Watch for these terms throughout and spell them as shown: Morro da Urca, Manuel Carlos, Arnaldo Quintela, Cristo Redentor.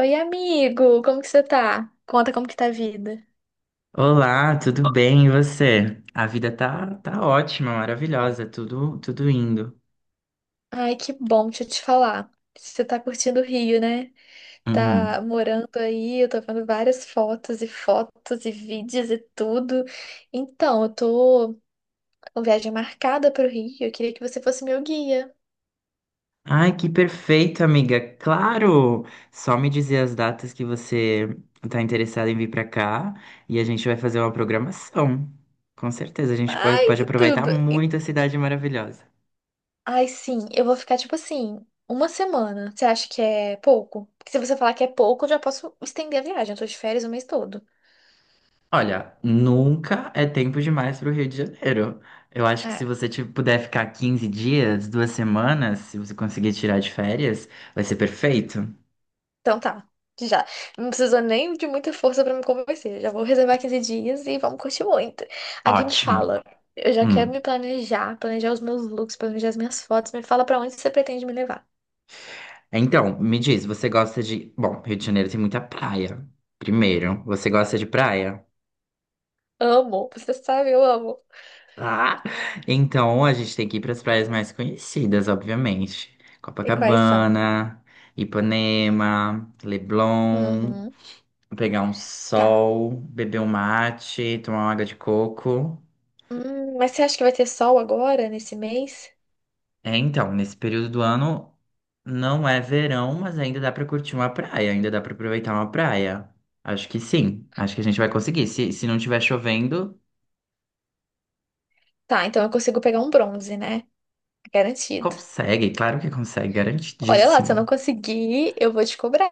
Oi, amigo, como que você tá? Conta como que tá a vida. Olá, tudo bem? E você? A vida tá ótima, maravilhosa, tudo indo. Ai, que bom, deixa eu te falar. Você tá curtindo o Rio, né? Uhum. Tá morando aí, eu tô vendo várias fotos e fotos e vídeos e tudo. Então, eu tô com viagem marcada pro Rio, eu queria que você fosse meu guia. Ai, que perfeito, amiga. Claro! Só me dizer as datas que você tá interessada em vir pra cá e a gente vai fazer uma programação. Com certeza, a gente pode, Ai, pode que aproveitar tudo. Muito a cidade maravilhosa. Ai, sim, eu vou ficar tipo assim, uma semana. Você acha que é pouco? Porque se você falar que é pouco, eu já posso estender a viagem, eu tô de férias o mês todo. Olha, nunca é tempo demais para o Rio de Janeiro. Eu acho que É. se você tipo, puder ficar 15 dias, duas semanas, se você conseguir tirar de férias, vai ser perfeito. Então tá, já. Não precisou nem de muita força pra me convencer. Já vou reservar 15 dias e vamos curtir muito. Alguém me Ótimo. fala. Eu já quero Hum. me planejar, planejar os meus looks, planejar as minhas fotos. Me fala pra onde você pretende me levar. Então, me diz, você gosta de. Bom, Rio de Janeiro tem muita praia. Primeiro, você gosta de praia? Amo, você sabe, eu amo. Ah! Então, a gente tem que ir para as praias mais conhecidas, obviamente. E quais são? Copacabana, Hum. Ipanema, Leblon, Uhum, pegar um tá. sol, beber um mate, tomar uma água de coco. Mas você acha que vai ter sol agora, nesse mês? É, então, nesse período do ano não é verão, mas ainda dá pra curtir uma praia, ainda dá pra aproveitar uma praia. Acho que sim, acho que a gente vai conseguir. Se não tiver chovendo, Tá, então eu consigo pegar um bronze, né? Garantido. consegue, claro que consegue, Olha lá, se eu garantidíssimo. não conseguir, eu vou te cobrar.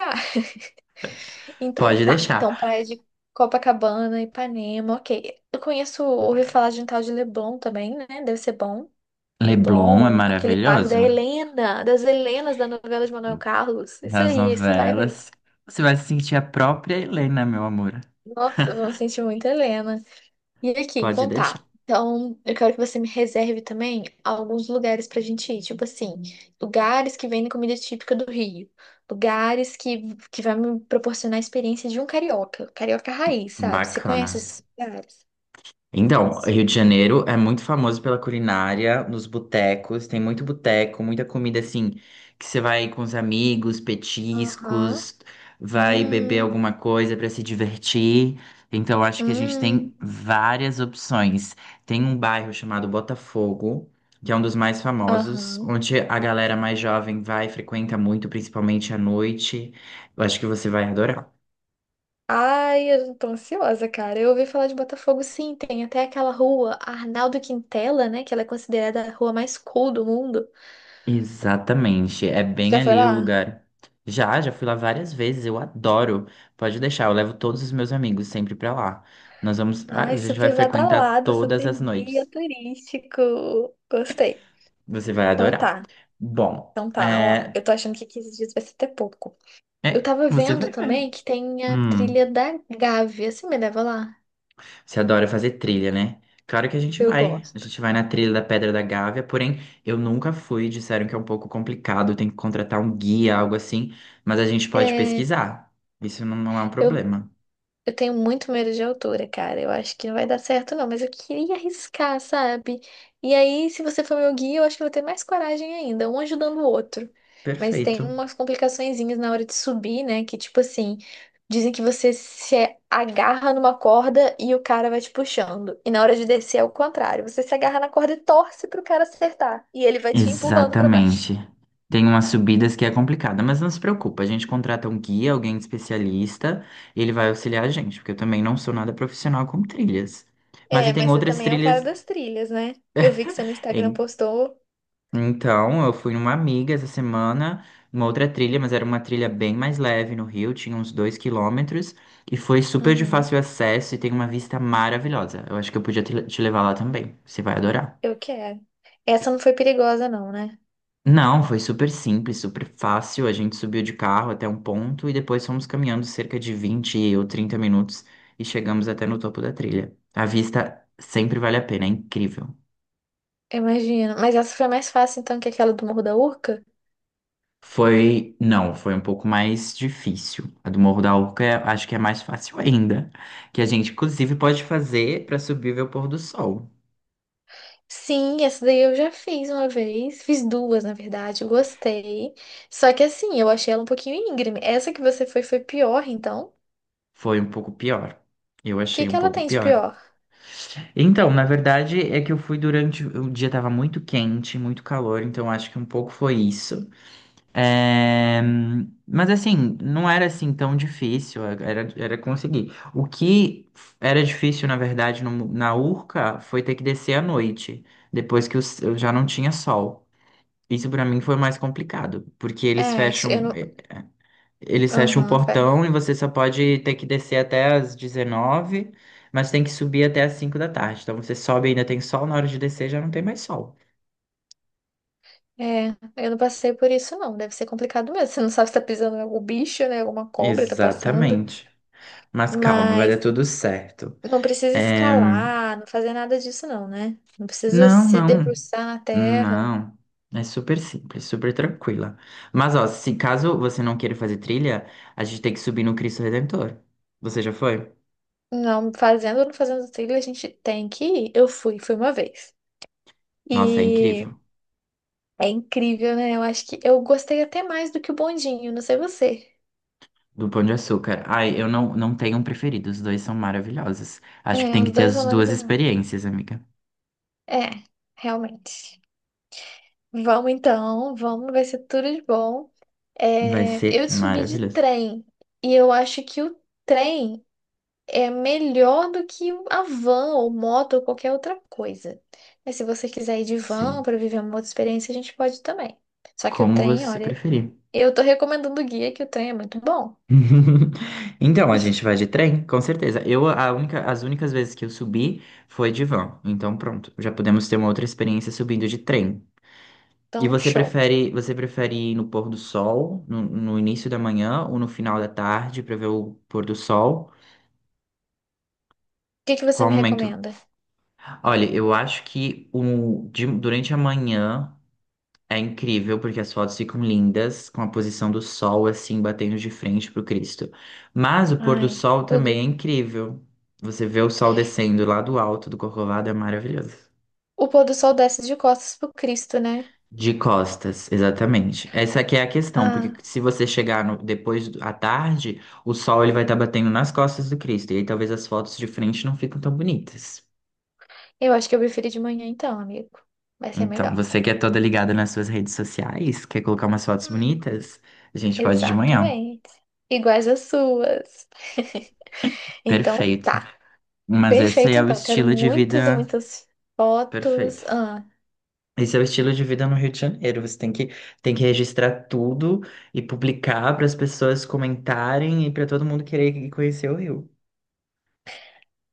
Então Pode tá. Então, deixar. praia de Copacabana, Ipanema, ok. Eu conheço, ouvi falar de um tal de Leblon também, né? Deve ser bom. Leblon é Leblon, aquele bairro da maravilhoso, Helena, das Helenas da novela de Manuel Carlos. Isso das aí, esse bairro aí. novelas. Você vai se sentir a própria Helena, meu amor. Nossa, eu me sentir muito Helena. E aqui, Pode então deixar. tá. Então, eu quero que você me reserve também alguns lugares pra gente ir. Tipo assim, lugares que vendem comida típica do Rio. Lugares que vai me proporcionar a experiência de um carioca. Carioca raiz, sabe? Você conhece Bacana. esses lugares? Então, Rio de Janeiro é muito famoso pela culinária, nos botecos, tem muito boteco, muita comida assim, que você vai com os amigos, Aham. petiscos, vai beber Hum. alguma coisa para se divertir. Então, acho que a gente Hum. tem várias opções. Tem um bairro chamado Botafogo, que é um dos mais famosos, Aham. onde a galera mais jovem vai, frequenta muito, principalmente à noite. Eu acho que você vai adorar. Ai, eu tô ansiosa, cara. Eu ouvi falar de Botafogo, sim. Tem até aquela rua Arnaldo Quintela, né? Que ela é considerada a rua mais cool do mundo. Exatamente, é bem Já foi ali o lá? lugar. Já fui lá várias vezes, eu adoro. Pode deixar, eu levo todos os meus amigos sempre pra lá. Nós vamos, ah, a Ai, gente vai super frequentar badalado, todas super as guia noites. turístico. Gostei. Você vai Então adorar. tá, Bom, então tá. Ó, eu tô achando que 15 dias vai ser até pouco. Eu tava você vendo vai ver. também que tem a Hum, trilha da Gávea. Você me leva lá? você adora fazer trilha, né? Claro que a gente Eu vai. A gosto. gente vai na trilha da Pedra da Gávea, porém eu nunca fui. Disseram que é um pouco complicado, tem que contratar um guia, algo assim. Mas a gente pode É, pesquisar. Isso não é um eu, problema. Eu tenho muito medo de altura, cara. Eu acho que não vai dar certo, não. Mas eu queria arriscar, sabe? E aí, se você for meu guia, eu acho que eu vou ter mais coragem ainda, um ajudando o outro. Mas Perfeito. tem umas complicaçõezinhas na hora de subir, né? Que, tipo assim, dizem que você se agarra numa corda e o cara vai te puxando. E na hora de descer é o contrário. Você se agarra na corda e torce pro cara acertar. E ele vai te empurrando pra baixo. Exatamente. Tem umas subidas que é complicada, mas não se preocupa, a gente contrata um guia, alguém especialista, e ele vai auxiliar a gente, porque eu também não sou nada profissional com trilhas. Mas e É, tem mas você outras também é o cara trilhas. das trilhas, né? Eu vi que você no Instagram em- postou. Então, eu fui numa amiga essa semana, uma outra trilha, mas era uma trilha bem mais leve no Rio, tinha uns 2 quilômetros, e foi super de Uhum. fácil acesso e tem uma vista maravilhosa. Eu acho que eu podia te levar lá também, você vai adorar. Eu quero. Essa não foi perigosa, não, né? Não, foi super simples, super fácil. A gente subiu de carro até um ponto e depois fomos caminhando cerca de 20 ou 30 minutos e chegamos até no topo da trilha. A vista sempre vale a pena, é incrível. Imagina. Mas essa foi mais fácil, então, que aquela do Morro da Urca? Foi, não, foi um pouco mais difícil. A do Morro da Urca acho que é mais fácil ainda, que a gente inclusive pode fazer para subir e ver o pôr do sol. Sim, essa daí eu já fiz uma vez. Fiz duas, na verdade. Eu gostei. Só que assim, eu achei ela um pouquinho íngreme. Essa que você foi pior, então. O Foi um pouco pior. Eu que achei que um ela pouco tem de pior. pior? Então, na verdade, é que eu fui durante. O dia tava muito quente, muito calor, então acho que um pouco foi isso. É, mas assim, não era assim tão difícil, era conseguir. O que era difícil, na verdade, na Urca foi ter que descer à noite, depois que eu já não tinha sol. Isso pra mim foi mais complicado, porque eles É, isso eu fecham. não. Eles fecham um Aham, portão e você só pode ter que descer até as 19, mas tem que subir até as 5 da tarde. Então você sobe e ainda tem sol, na hora de descer já não tem mais sol. é. Eu não passei por isso, não. Deve ser complicado mesmo. Você não sabe se tá pisando em algum bicho, né? Alguma cobra tá passando. Exatamente. Mas calma, vai dar Mas. tudo certo. Não precisa É, escalar, não fazer nada disso, não, né? Não precisa não, se não, debruçar na terra. não. É super simples, super tranquila. Mas ó, se caso você não queira fazer trilha, a gente tem que subir no Cristo Redentor. Você já foi? Não, fazendo ou não fazendo trilha, a gente tem que ir. Eu fui uma vez. Nossa, é E incrível. é incrível, né? Eu acho que eu gostei até mais do que o bondinho, não sei você. Do Pão de Açúcar. Ai, eu não tenho um preferido, os dois são maravilhosos. Acho É, que tem os que ter dois as são a duas verdade. experiências, amiga. É, realmente. Vamos então, vamos, vai ser tudo de bom. Vai É, ser eu subi de maravilhoso. trem e eu acho que o trem é melhor do que a van ou moto ou qualquer outra coisa. Mas se você quiser ir de van Sim, para viver uma outra experiência, a gente pode também. Só que o como trem, você olha, preferir. eu tô recomendando o guia que o trem é muito bom. Então, a gente vai de trem, com certeza. Eu, a única, as únicas vezes que eu subi foi de van. Então, pronto, já podemos ter uma outra experiência subindo de trem. E Então, você show. O prefere, você prefere ir no pôr do sol, no início da manhã ou no final da tarde para ver o pôr do sol? que que você Qual me momento recomenda? Olha, eu acho que durante a manhã é incrível, porque as fotos ficam lindas, com a posição do sol assim, batendo de frente pro Cristo. Mas o pôr do Ai, sol também tudo. é incrível. Você vê o sol descendo lá do alto do Corcovado, é maravilhoso. O pôr do sol desce de costas pro Cristo, né? De costas, exatamente. Essa aqui é a questão, porque Ah, se você chegar à tarde, o sol ele vai estar batendo nas costas do Cristo, e aí talvez as fotos de frente não ficam tão bonitas. eu acho que eu preferi de manhã então, amigo. Vai ser Então, melhor. você que é toda ligada nas suas redes sociais, quer colocar umas fotos Hum, bonitas? A gente pode de manhã. exatamente. Iguais às suas. Então, Perfeito. tá. Mas esse Perfeito, é o então. Quero estilo de muitas e vida muitas perfeito. fotos. Ah, Esse é o estilo de vida no Rio de Janeiro. Você tem que registrar tudo e publicar para as pessoas comentarem e para todo mundo querer ir conhecer o Rio.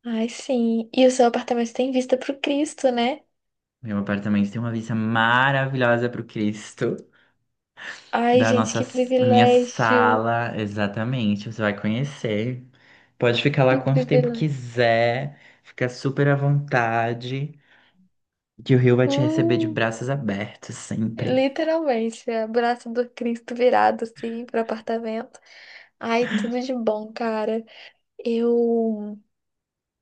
ai, sim. E o seu apartamento tem vista pro Cristo, né? Meu apartamento tem uma vista maravilhosa para o Cristo. Ai, da gente, nossa, que da minha privilégio. sala, exatamente. Você vai conhecer. Pode ficar lá Que quanto tempo privilégio. quiser, fica super à vontade, que o Rio vai te receber de Uh, braços abertos sempre. Literalmente, é o braço do Cristo virado, assim, pro apartamento. Ai, tudo de bom, cara. Eu,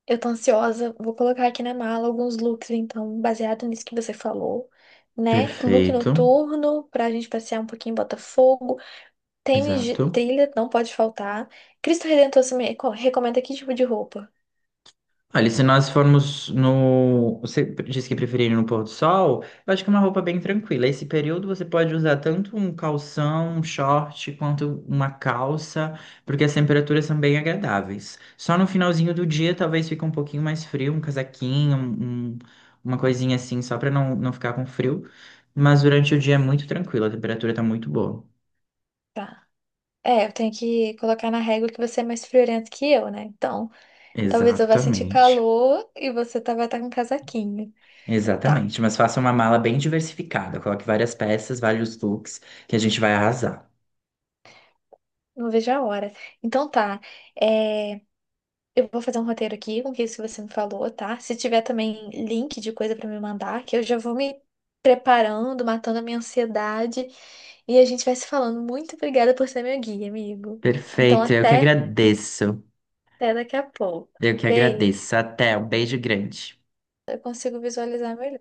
eu tô ansiosa. Vou colocar aqui na mala alguns looks, então, baseado nisso que você falou. Né? Look Perfeito, noturno pra gente passear um pouquinho em Botafogo. Tênis de exato. trilha não pode faltar. Cristo Redentor você me recomenda que tipo de roupa? Olha, se nós formos no. Você disse que preferia ir no pôr do sol? Eu acho que é uma roupa bem tranquila. Esse período você pode usar tanto um calção, um short, quanto uma calça, porque as temperaturas são bem agradáveis. Só no finalzinho do dia talvez fique um pouquinho mais frio, um casaquinho, uma coisinha assim, só para não ficar com frio. Mas durante o dia é muito tranquilo, a temperatura tá muito boa. Tá. É, eu tenho que colocar na régua que você é mais friorento que eu, né? Então, talvez eu vá sentir Exatamente. calor e vai estar com casaquinho. Tá, Exatamente, mas faça uma mala bem diversificada, coloque várias peças, vários looks, que a gente vai arrasar. não vejo a hora. Então tá, é, eu vou fazer um roteiro aqui com isso que você me falou, tá? Se tiver também link de coisa pra me mandar, que eu já vou me preparando, matando a minha ansiedade. E a gente vai se falando. Muito obrigada por ser meu guia, amigo. Então, Perfeito, eu que até. agradeço. Até daqui a pouco. Eu que Beijo. agradeço. Até, um beijo grande. Eu consigo visualizar melhor.